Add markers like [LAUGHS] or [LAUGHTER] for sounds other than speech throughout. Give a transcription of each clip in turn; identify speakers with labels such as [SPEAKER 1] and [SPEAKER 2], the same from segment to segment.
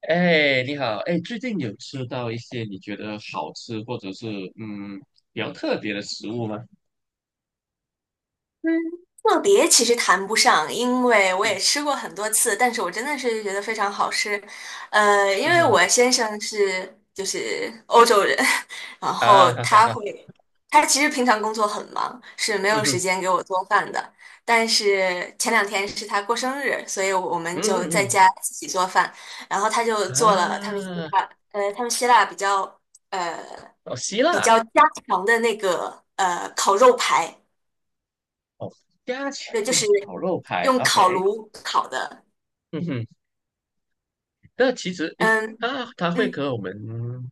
[SPEAKER 1] 哎，你好，哎，最近有吃到一些你觉得好吃或者是嗯比较特别的食物吗？
[SPEAKER 2] 嗯，特别其实谈不上，因为
[SPEAKER 1] [LAUGHS]
[SPEAKER 2] 我也
[SPEAKER 1] 嗯，
[SPEAKER 2] 吃过很多次，但是我真的是觉得非常好吃。因
[SPEAKER 1] 嗯
[SPEAKER 2] 为
[SPEAKER 1] 哼，
[SPEAKER 2] 我先生就是欧洲人，[LAUGHS] 然后
[SPEAKER 1] 啊哈哈
[SPEAKER 2] 他
[SPEAKER 1] 哈，
[SPEAKER 2] 会，他其实平常工作很忙，是没
[SPEAKER 1] 嗯
[SPEAKER 2] 有时
[SPEAKER 1] 哼，
[SPEAKER 2] 间给我做饭的。但是前两天是他过生日，所以我们
[SPEAKER 1] 嗯，
[SPEAKER 2] 就在家
[SPEAKER 1] 嗯
[SPEAKER 2] 自己做饭，然后他就
[SPEAKER 1] 嗯，
[SPEAKER 2] 做了他们希
[SPEAKER 1] 啊，
[SPEAKER 2] 腊，比较呃
[SPEAKER 1] 哦，希
[SPEAKER 2] 比
[SPEAKER 1] 腊，
[SPEAKER 2] 较家常的那个烤肉排。
[SPEAKER 1] 哦，加强
[SPEAKER 2] 对，就是
[SPEAKER 1] 力烤肉排
[SPEAKER 2] 用
[SPEAKER 1] ，OK，
[SPEAKER 2] 烤炉烤的。
[SPEAKER 1] 嗯哼。那其实诶，
[SPEAKER 2] 嗯
[SPEAKER 1] 它会
[SPEAKER 2] 嗯，
[SPEAKER 1] 和我们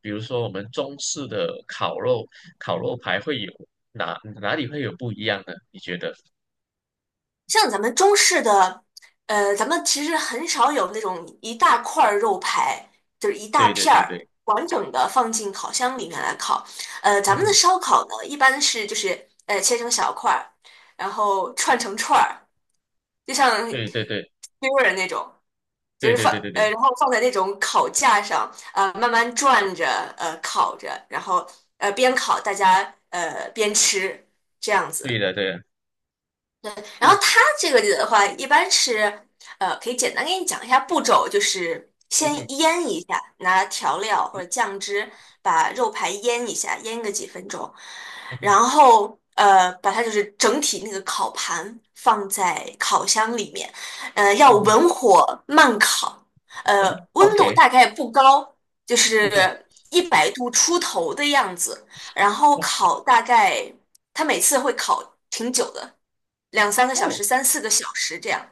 [SPEAKER 1] 比如说我们中式的烤肉排会有哪里会有不一样呢？你觉得？
[SPEAKER 2] 像咱们中式的，咱们其实很少有那种一大块儿肉排，就是一大
[SPEAKER 1] 对对
[SPEAKER 2] 片
[SPEAKER 1] 对
[SPEAKER 2] 儿
[SPEAKER 1] 对，
[SPEAKER 2] 完整的放进烤箱里面来烤。
[SPEAKER 1] 嗯
[SPEAKER 2] 咱们的
[SPEAKER 1] 哼，
[SPEAKER 2] 烧烤呢，一般就是切成小块儿，然后串成串儿，就像 s 人
[SPEAKER 1] 对对对
[SPEAKER 2] 那种。就
[SPEAKER 1] 对
[SPEAKER 2] 是
[SPEAKER 1] 对
[SPEAKER 2] 放
[SPEAKER 1] 对对
[SPEAKER 2] 呃，
[SPEAKER 1] 对，
[SPEAKER 2] 然后放在那种烤架上，慢慢转着，烤着，然后边烤大家边吃这样
[SPEAKER 1] 对
[SPEAKER 2] 子。
[SPEAKER 1] 的对的，
[SPEAKER 2] 然后
[SPEAKER 1] 嗯，
[SPEAKER 2] 它这个里的话，一般可以简单给你讲一下步骤，就是
[SPEAKER 1] 嗯
[SPEAKER 2] 先
[SPEAKER 1] 哼。
[SPEAKER 2] 腌一下，拿调料或
[SPEAKER 1] 嗯
[SPEAKER 2] 者酱汁把肉排腌一下，腌个几分钟，
[SPEAKER 1] 哼，
[SPEAKER 2] 然后把它就是整体那个烤盘放在烤箱里面，要
[SPEAKER 1] 嗯哼
[SPEAKER 2] 文火慢烤，温度
[SPEAKER 1] ，OK，
[SPEAKER 2] 大概不高，就
[SPEAKER 1] 嗯哼，
[SPEAKER 2] 是100度出头的样子。然后
[SPEAKER 1] 哇，
[SPEAKER 2] 烤大概，它每次会烤挺久的，两三个小
[SPEAKER 1] 哦，
[SPEAKER 2] 时、三四个小时这样。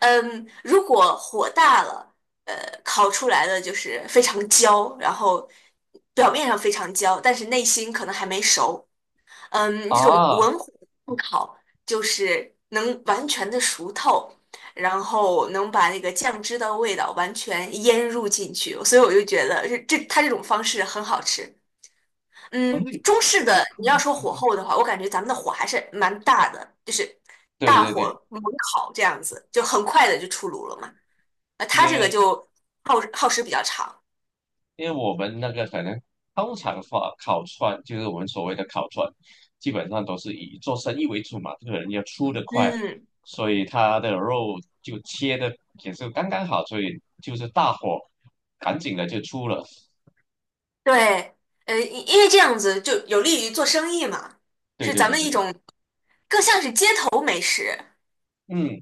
[SPEAKER 2] 嗯，如果火大了，呃，烤出来的就是非常焦，然后表面上非常焦，但是内心可能还没熟。嗯，这种
[SPEAKER 1] 啊，
[SPEAKER 2] 文火不烤，就是能完全的熟透。然后能把那个酱汁的味道完全腌入进去，所以我就觉得这种方式很好吃。
[SPEAKER 1] 嗯，
[SPEAKER 2] 嗯，中
[SPEAKER 1] 这
[SPEAKER 2] 式
[SPEAKER 1] 个
[SPEAKER 2] 的你要说火候的话，我感觉咱们的火还是蛮大的，就是
[SPEAKER 1] 对
[SPEAKER 2] 大
[SPEAKER 1] 对
[SPEAKER 2] 火
[SPEAKER 1] 对。
[SPEAKER 2] 猛烤这样子，就很快的就出炉了嘛。
[SPEAKER 1] 因
[SPEAKER 2] 它这个
[SPEAKER 1] 为
[SPEAKER 2] 就耗时比较长。
[SPEAKER 1] 因为我们那个可能通常话烤串，就是我们所谓的烤串，基本上都是以做生意为主嘛，这个人要出得快，
[SPEAKER 2] 嗯，
[SPEAKER 1] 所以他的肉就切的也是刚刚好，所以就是大火赶紧的就出了。
[SPEAKER 2] 对，因为这样子就有利于做生意嘛，
[SPEAKER 1] 对
[SPEAKER 2] 是
[SPEAKER 1] 对
[SPEAKER 2] 咱
[SPEAKER 1] 对
[SPEAKER 2] 们
[SPEAKER 1] 对
[SPEAKER 2] 一
[SPEAKER 1] 对，
[SPEAKER 2] 种更像是街头美食。
[SPEAKER 1] 嗯，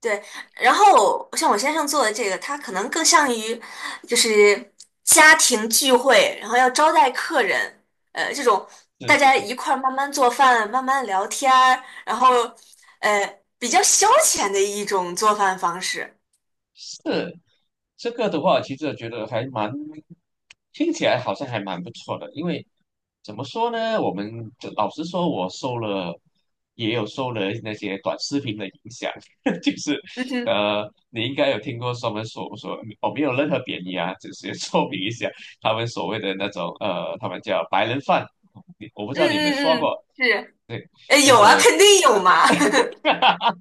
[SPEAKER 2] 对，然后像我先生做的这个，他可能更像于就是家庭聚会，然后要招待客人，这种
[SPEAKER 1] 是
[SPEAKER 2] 大
[SPEAKER 1] 是
[SPEAKER 2] 家
[SPEAKER 1] 是。
[SPEAKER 2] 一块儿慢慢做饭、慢慢聊天儿，然后比较消遣的一种做饭方式。
[SPEAKER 1] 是这个的话，其实我觉得听起来好像还蛮不错的。因为怎么说呢，我们就老实说，我受了也有受了那些短视频的影响。[LAUGHS] 就是
[SPEAKER 2] 嗯哼，
[SPEAKER 1] 你应该有听过他们所说，我没有任何贬义啊，只是说明一下他们所谓的那种他们叫白人饭，我不知
[SPEAKER 2] 嗯
[SPEAKER 1] 道你们刷
[SPEAKER 2] 嗯嗯，
[SPEAKER 1] 过，
[SPEAKER 2] 是，
[SPEAKER 1] 对，就
[SPEAKER 2] 有啊，
[SPEAKER 1] 是。
[SPEAKER 2] 肯定有嘛。[LAUGHS]
[SPEAKER 1] [LAUGHS]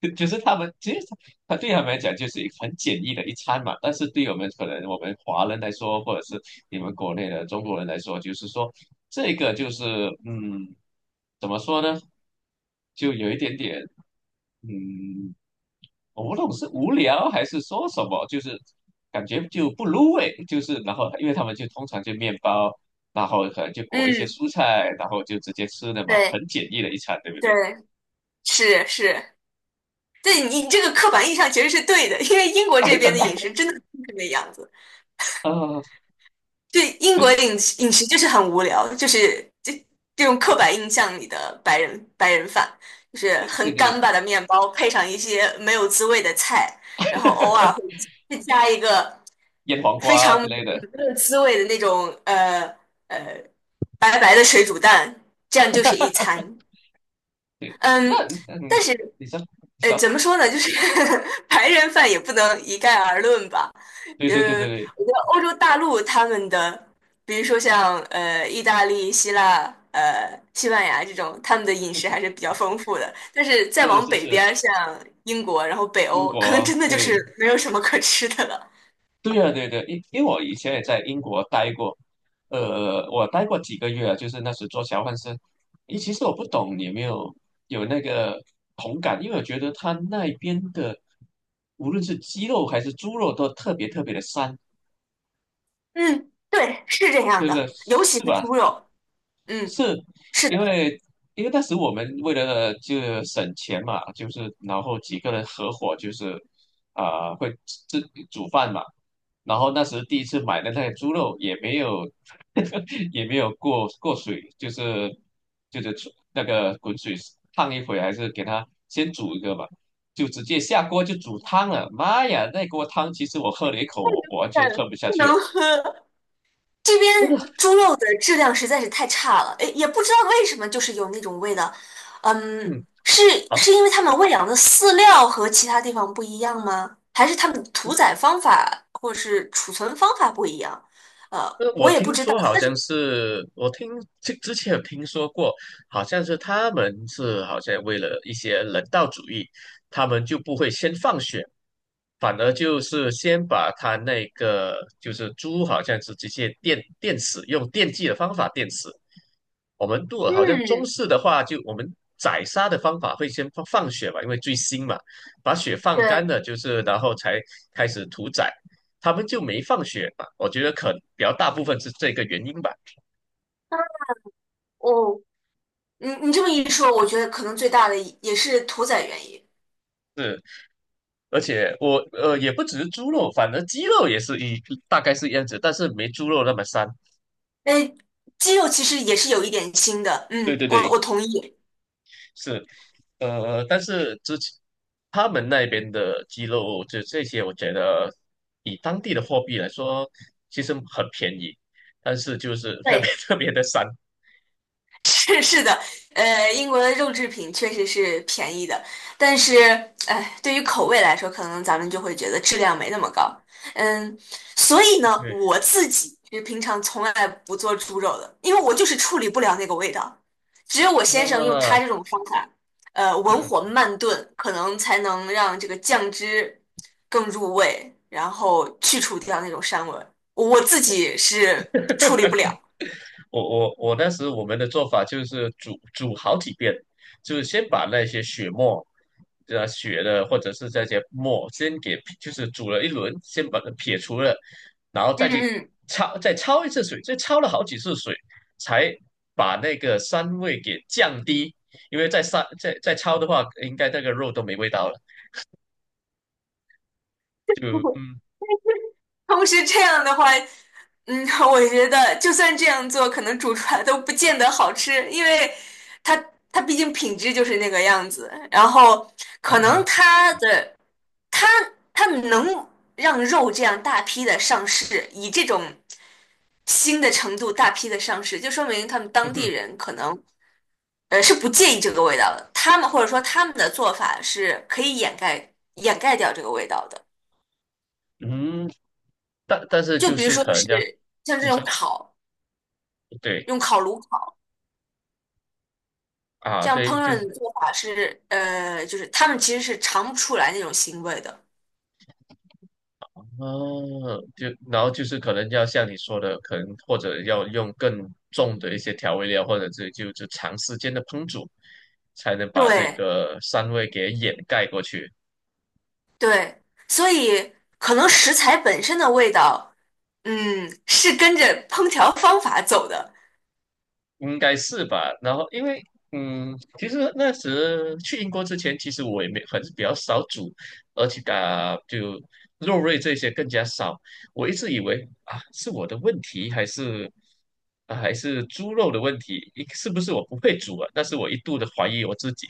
[SPEAKER 1] 就是他们其实对他们来讲就是一个很简易的一餐嘛。但是对我们可能我们华人来说，或者是你们国内的中国人来说，就是说这个就是嗯，怎么说呢，就有一点点。嗯，我不懂是无聊还是说什么，就是感觉就不入味，就是然后因为他们就通常就面包，然后可能就裹一些
[SPEAKER 2] 嗯，
[SPEAKER 1] 蔬菜，然后就直接吃的嘛，
[SPEAKER 2] 对
[SPEAKER 1] 很简易的一餐，对不对？
[SPEAKER 2] 对，是是，对你这个刻板印象其实是对的，因为英国这
[SPEAKER 1] [LAUGHS]
[SPEAKER 2] 边
[SPEAKER 1] 真
[SPEAKER 2] 的
[SPEAKER 1] 的，
[SPEAKER 2] 饮食真的就是那样子。
[SPEAKER 1] 呃，
[SPEAKER 2] 对，英
[SPEAKER 1] 对
[SPEAKER 2] 国
[SPEAKER 1] 对
[SPEAKER 2] 饮食就是很无聊，就是这这种刻板印象里的白人饭，就是
[SPEAKER 1] 对对
[SPEAKER 2] 很干
[SPEAKER 1] 对，
[SPEAKER 2] 巴的面包，配上一些没有滋味的菜，然后偶尔会加一个
[SPEAKER 1] 腌黄
[SPEAKER 2] 非
[SPEAKER 1] 瓜
[SPEAKER 2] 常
[SPEAKER 1] 之类的。
[SPEAKER 2] 没有滋味的那种呃白白的水煮蛋，这样就是一餐。
[SPEAKER 1] 那
[SPEAKER 2] 嗯，
[SPEAKER 1] 嗯，
[SPEAKER 2] 但是。
[SPEAKER 1] 你说你说。
[SPEAKER 2] 怎么说呢？就是 [LAUGHS] 白人饭也不能一概而论吧。
[SPEAKER 1] 对对对
[SPEAKER 2] 呃，
[SPEAKER 1] 对对，
[SPEAKER 2] 我觉得欧洲大陆他们的，比如说像意大利、希腊、西班牙这种，他们的饮食还是比较丰富的。但是再
[SPEAKER 1] 是
[SPEAKER 2] 往
[SPEAKER 1] 是
[SPEAKER 2] 北
[SPEAKER 1] 是，
[SPEAKER 2] 边儿像英国，然后北
[SPEAKER 1] 英
[SPEAKER 2] 欧，可能
[SPEAKER 1] 国
[SPEAKER 2] 真的就
[SPEAKER 1] 对。
[SPEAKER 2] 是没有什么可吃的了。
[SPEAKER 1] 对啊，对对，因为我以前也在英国待过，我待过几个月啊就是那时做交换生。咦，其实我不懂你有没有那个同感，因为我觉得他那边的无论是鸡肉还是猪肉都特别特别的膻，
[SPEAKER 2] 嗯，对，是这样
[SPEAKER 1] 对不对？
[SPEAKER 2] 的，尤其
[SPEAKER 1] 是
[SPEAKER 2] 是
[SPEAKER 1] 吧？
[SPEAKER 2] 猪肉。嗯，
[SPEAKER 1] 是。
[SPEAKER 2] 是
[SPEAKER 1] 因
[SPEAKER 2] 的，
[SPEAKER 1] 为因为当时我们为了就省钱嘛，就是然后几个人合伙就是会自煮饭嘛。然后那时第一次买的那个猪肉也没有 [LAUGHS] 也没有过过水，就是出那个滚水烫一会，还是给它先煮一个吧，就直接下锅就煮汤了。妈呀，那锅汤其实我喝了一口，我完
[SPEAKER 2] 但
[SPEAKER 1] 全喝不下
[SPEAKER 2] 不
[SPEAKER 1] 去
[SPEAKER 2] 能
[SPEAKER 1] 了，
[SPEAKER 2] 喝，这
[SPEAKER 1] 真的，
[SPEAKER 2] 边猪肉的质量实在是太差了，诶，也不知道为什么，就是有那种味道。嗯，
[SPEAKER 1] 嗯。
[SPEAKER 2] 是是因为他们喂养的饲料和其他地方不一样吗？还是他们屠宰方法或者是储存方法不一样？呃，
[SPEAKER 1] 我
[SPEAKER 2] 我也不
[SPEAKER 1] 听
[SPEAKER 2] 知道。
[SPEAKER 1] 说好
[SPEAKER 2] 但是，
[SPEAKER 1] 像是，之前有听说过，好像是他们是好像为了一些人道主义，他们就不会先放血，反而就是先把他那个就是猪，好像是直接电死，用电击的方法电死。我们如果好像中
[SPEAKER 2] 嗯，
[SPEAKER 1] 式的话，就我们宰杀的方法会先放血嘛，因为最新嘛，把血放干
[SPEAKER 2] 对，
[SPEAKER 1] 了，就是然后才开始屠宰。他们就没放血嘛，我觉得可比较大部分是这个原因吧。
[SPEAKER 2] 哦，你你这么一说，我觉得可能最大的也是屠宰原因。
[SPEAKER 1] 是，而且我也不只是猪肉，反而鸡肉也是大概是一样子，但是没猪肉那么膻。
[SPEAKER 2] 诶，鸡肉其实也是有一点腥的，
[SPEAKER 1] 对
[SPEAKER 2] 嗯，
[SPEAKER 1] 对
[SPEAKER 2] 我
[SPEAKER 1] 对，
[SPEAKER 2] 我同意。
[SPEAKER 1] 是，但是之前他们那边的鸡肉，就这些，我觉得以当地的货币来说，其实很便宜，但是就是特别 [LAUGHS]
[SPEAKER 2] 对。
[SPEAKER 1] 特别的膻。
[SPEAKER 2] 是是的，英国的肉制品确实是便宜的，但是，哎，对于口味来说，可能咱们就会觉得质量没那么高。嗯，所以呢，
[SPEAKER 1] 对，
[SPEAKER 2] 我自己是平常从来不做猪肉的，因为我就是处理不了那个味道。只有我先生用
[SPEAKER 1] 啊，
[SPEAKER 2] 他这种方法，文火
[SPEAKER 1] 嗯，
[SPEAKER 2] 慢炖，可能才能让这个酱汁更入味，然后去除掉那种膻味儿我自己是处理不了。
[SPEAKER 1] 我我当时我们的做法就是煮好几遍，就是先把那些血沫，血的或者是这些沫先给就是煮了一轮，先把它撇除了，然后再
[SPEAKER 2] 嗯
[SPEAKER 1] 去
[SPEAKER 2] 嗯。
[SPEAKER 1] 焯一次水，再焯了好几次水，才把那个膻味给降低，因为再膻再再焯的话，应该那个肉都没味道了，就。嗯，
[SPEAKER 2] 同时这样的话，嗯，[LAUGHS] 我觉得就算这样做，可能煮出来都不见得好吃，因为它它毕竟品质就是那个样子，然后
[SPEAKER 1] 嗯
[SPEAKER 2] 可
[SPEAKER 1] 哼
[SPEAKER 2] 能
[SPEAKER 1] 哼，
[SPEAKER 2] 它的它它能让肉这样大批的上市，以这种新的程度大批的上市，就说明他们
[SPEAKER 1] 嗯
[SPEAKER 2] 当地
[SPEAKER 1] 哼，
[SPEAKER 2] 人可能是不介意这个味道的，他们或者说他们的做法是可以掩盖掉这个味道的，
[SPEAKER 1] 嗯。但是
[SPEAKER 2] 就
[SPEAKER 1] 就
[SPEAKER 2] 比如
[SPEAKER 1] 是
[SPEAKER 2] 说
[SPEAKER 1] 可能
[SPEAKER 2] 是
[SPEAKER 1] 这样，
[SPEAKER 2] 像
[SPEAKER 1] 你
[SPEAKER 2] 这
[SPEAKER 1] 知
[SPEAKER 2] 种
[SPEAKER 1] 道，
[SPEAKER 2] 烤。
[SPEAKER 1] 对。
[SPEAKER 2] 用烤炉烤，
[SPEAKER 1] 啊，
[SPEAKER 2] 这样烹
[SPEAKER 1] 对，
[SPEAKER 2] 饪
[SPEAKER 1] 就是
[SPEAKER 2] 的做法是，就是他们其实是尝不出来那种腥味的。
[SPEAKER 1] 哦，就然后就是可能要像你说的，可能或者要用更重的一些调味料，或者是就长时间的烹煮，才能把这
[SPEAKER 2] 对
[SPEAKER 1] 个膻味给掩盖过去。
[SPEAKER 2] 对，所以可能食材本身的味道，嗯，是跟着烹调方法走的。
[SPEAKER 1] 应该是吧。然后因为其实那时去英国之前，其实我也没很比较少煮，而且啊，就肉类这些更加少。我一直以为啊，是我的问题还是？啊，还是猪肉的问题，是不是我不会煮啊？但是我一度的怀疑我自己。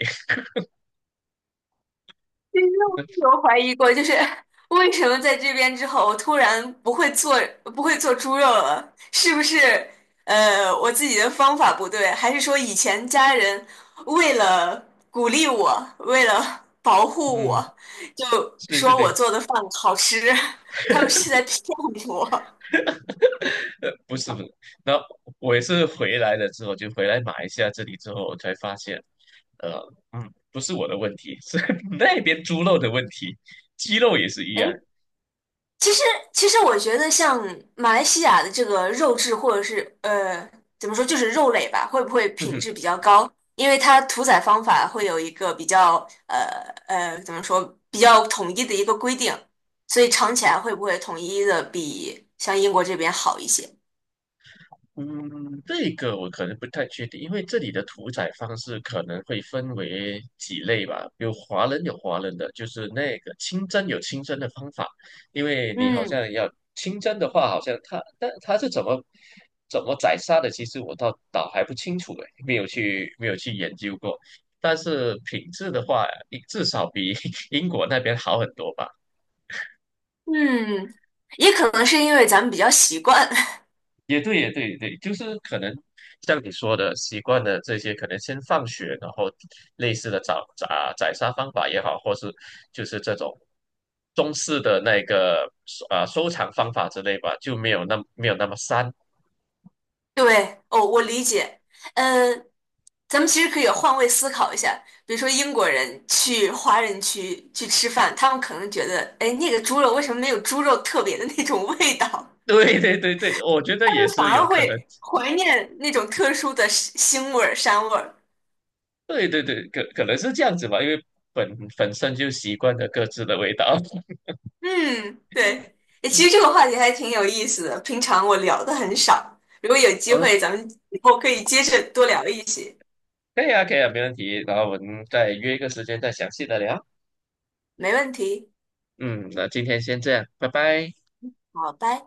[SPEAKER 2] 其实我也
[SPEAKER 1] [LAUGHS]
[SPEAKER 2] 有怀疑过，就是 [LAUGHS] 为什么在这边之后，我突然不会做猪肉了？是不是我自己的方法不对，还是说以前家人为了鼓励我，为了保护
[SPEAKER 1] 嗯，
[SPEAKER 2] 我，就
[SPEAKER 1] 对对
[SPEAKER 2] 说我
[SPEAKER 1] 对，
[SPEAKER 2] 做的饭好吃，[LAUGHS] 他们是在骗我？
[SPEAKER 1] [LAUGHS] 不是不是。那我也是回来了之后，就回来马来西亚这里之后，我才发现，呃，不是我的问题，是 [LAUGHS] 那边猪肉的问题，鸡肉也是一
[SPEAKER 2] [LAUGHS]
[SPEAKER 1] 样。
[SPEAKER 2] 哎。其实，其实我觉得像马来西亚的这个肉质，或者是怎么说，就是肉类吧，会不会品质
[SPEAKER 1] [LAUGHS]
[SPEAKER 2] 比较高？因为它屠宰方法会有一个比较呃怎么说，比较统一的一个规定，所以尝起来会不会统一的比像英国这边好一些？
[SPEAKER 1] 嗯，这个我可能不太确定，因为这里的屠宰方式可能会分为几类吧。有华人有华人的，就是那个清蒸有清蒸的方法，因为你好
[SPEAKER 2] 嗯
[SPEAKER 1] 像要清蒸的话，好像但它是怎么宰杀的，其实我倒还不清楚诶，没有去研究过。但是品质的话，至少比 [LAUGHS] 英国那边好很多吧。
[SPEAKER 2] 嗯，也可能是因为咱们比较习惯。
[SPEAKER 1] 也对，也对，也对，就是可能像你说的，习惯了这些，可能先放血，然后类似的宰杀方法也好，或是就是这种中式的收藏方法之类吧，就没有那么膻。[LAUGHS]
[SPEAKER 2] [LAUGHS] 对，哦，我理解。嗯。咱们其实可以换位思考一下，比如说英国人去华人区去吃饭，他们可能觉得，哎，那个猪肉为什么没有猪肉特别的那种味道？[LAUGHS] 他
[SPEAKER 1] 对对对对，我觉得也
[SPEAKER 2] 们反
[SPEAKER 1] 是有
[SPEAKER 2] 而
[SPEAKER 1] 可能。
[SPEAKER 2] 会怀念那种特殊的腥味儿、膻味儿。
[SPEAKER 1] 对对对，可能是这样子吧，因为本本身就习惯了各自的味道。
[SPEAKER 2] 嗯，对，哎
[SPEAKER 1] [LAUGHS]
[SPEAKER 2] 其
[SPEAKER 1] 嗯。
[SPEAKER 2] 实这个话题还挺有意思的，平常我聊的很少，如果有机会，
[SPEAKER 1] 嗯
[SPEAKER 2] 咱们以后可以接着多聊一些。
[SPEAKER 1] 可以啊，可以啊，没问题。然后我们再约一个时间再详细的聊。
[SPEAKER 2] 没问题，
[SPEAKER 1] 嗯，那今天先这样，拜拜。
[SPEAKER 2] 好，拜。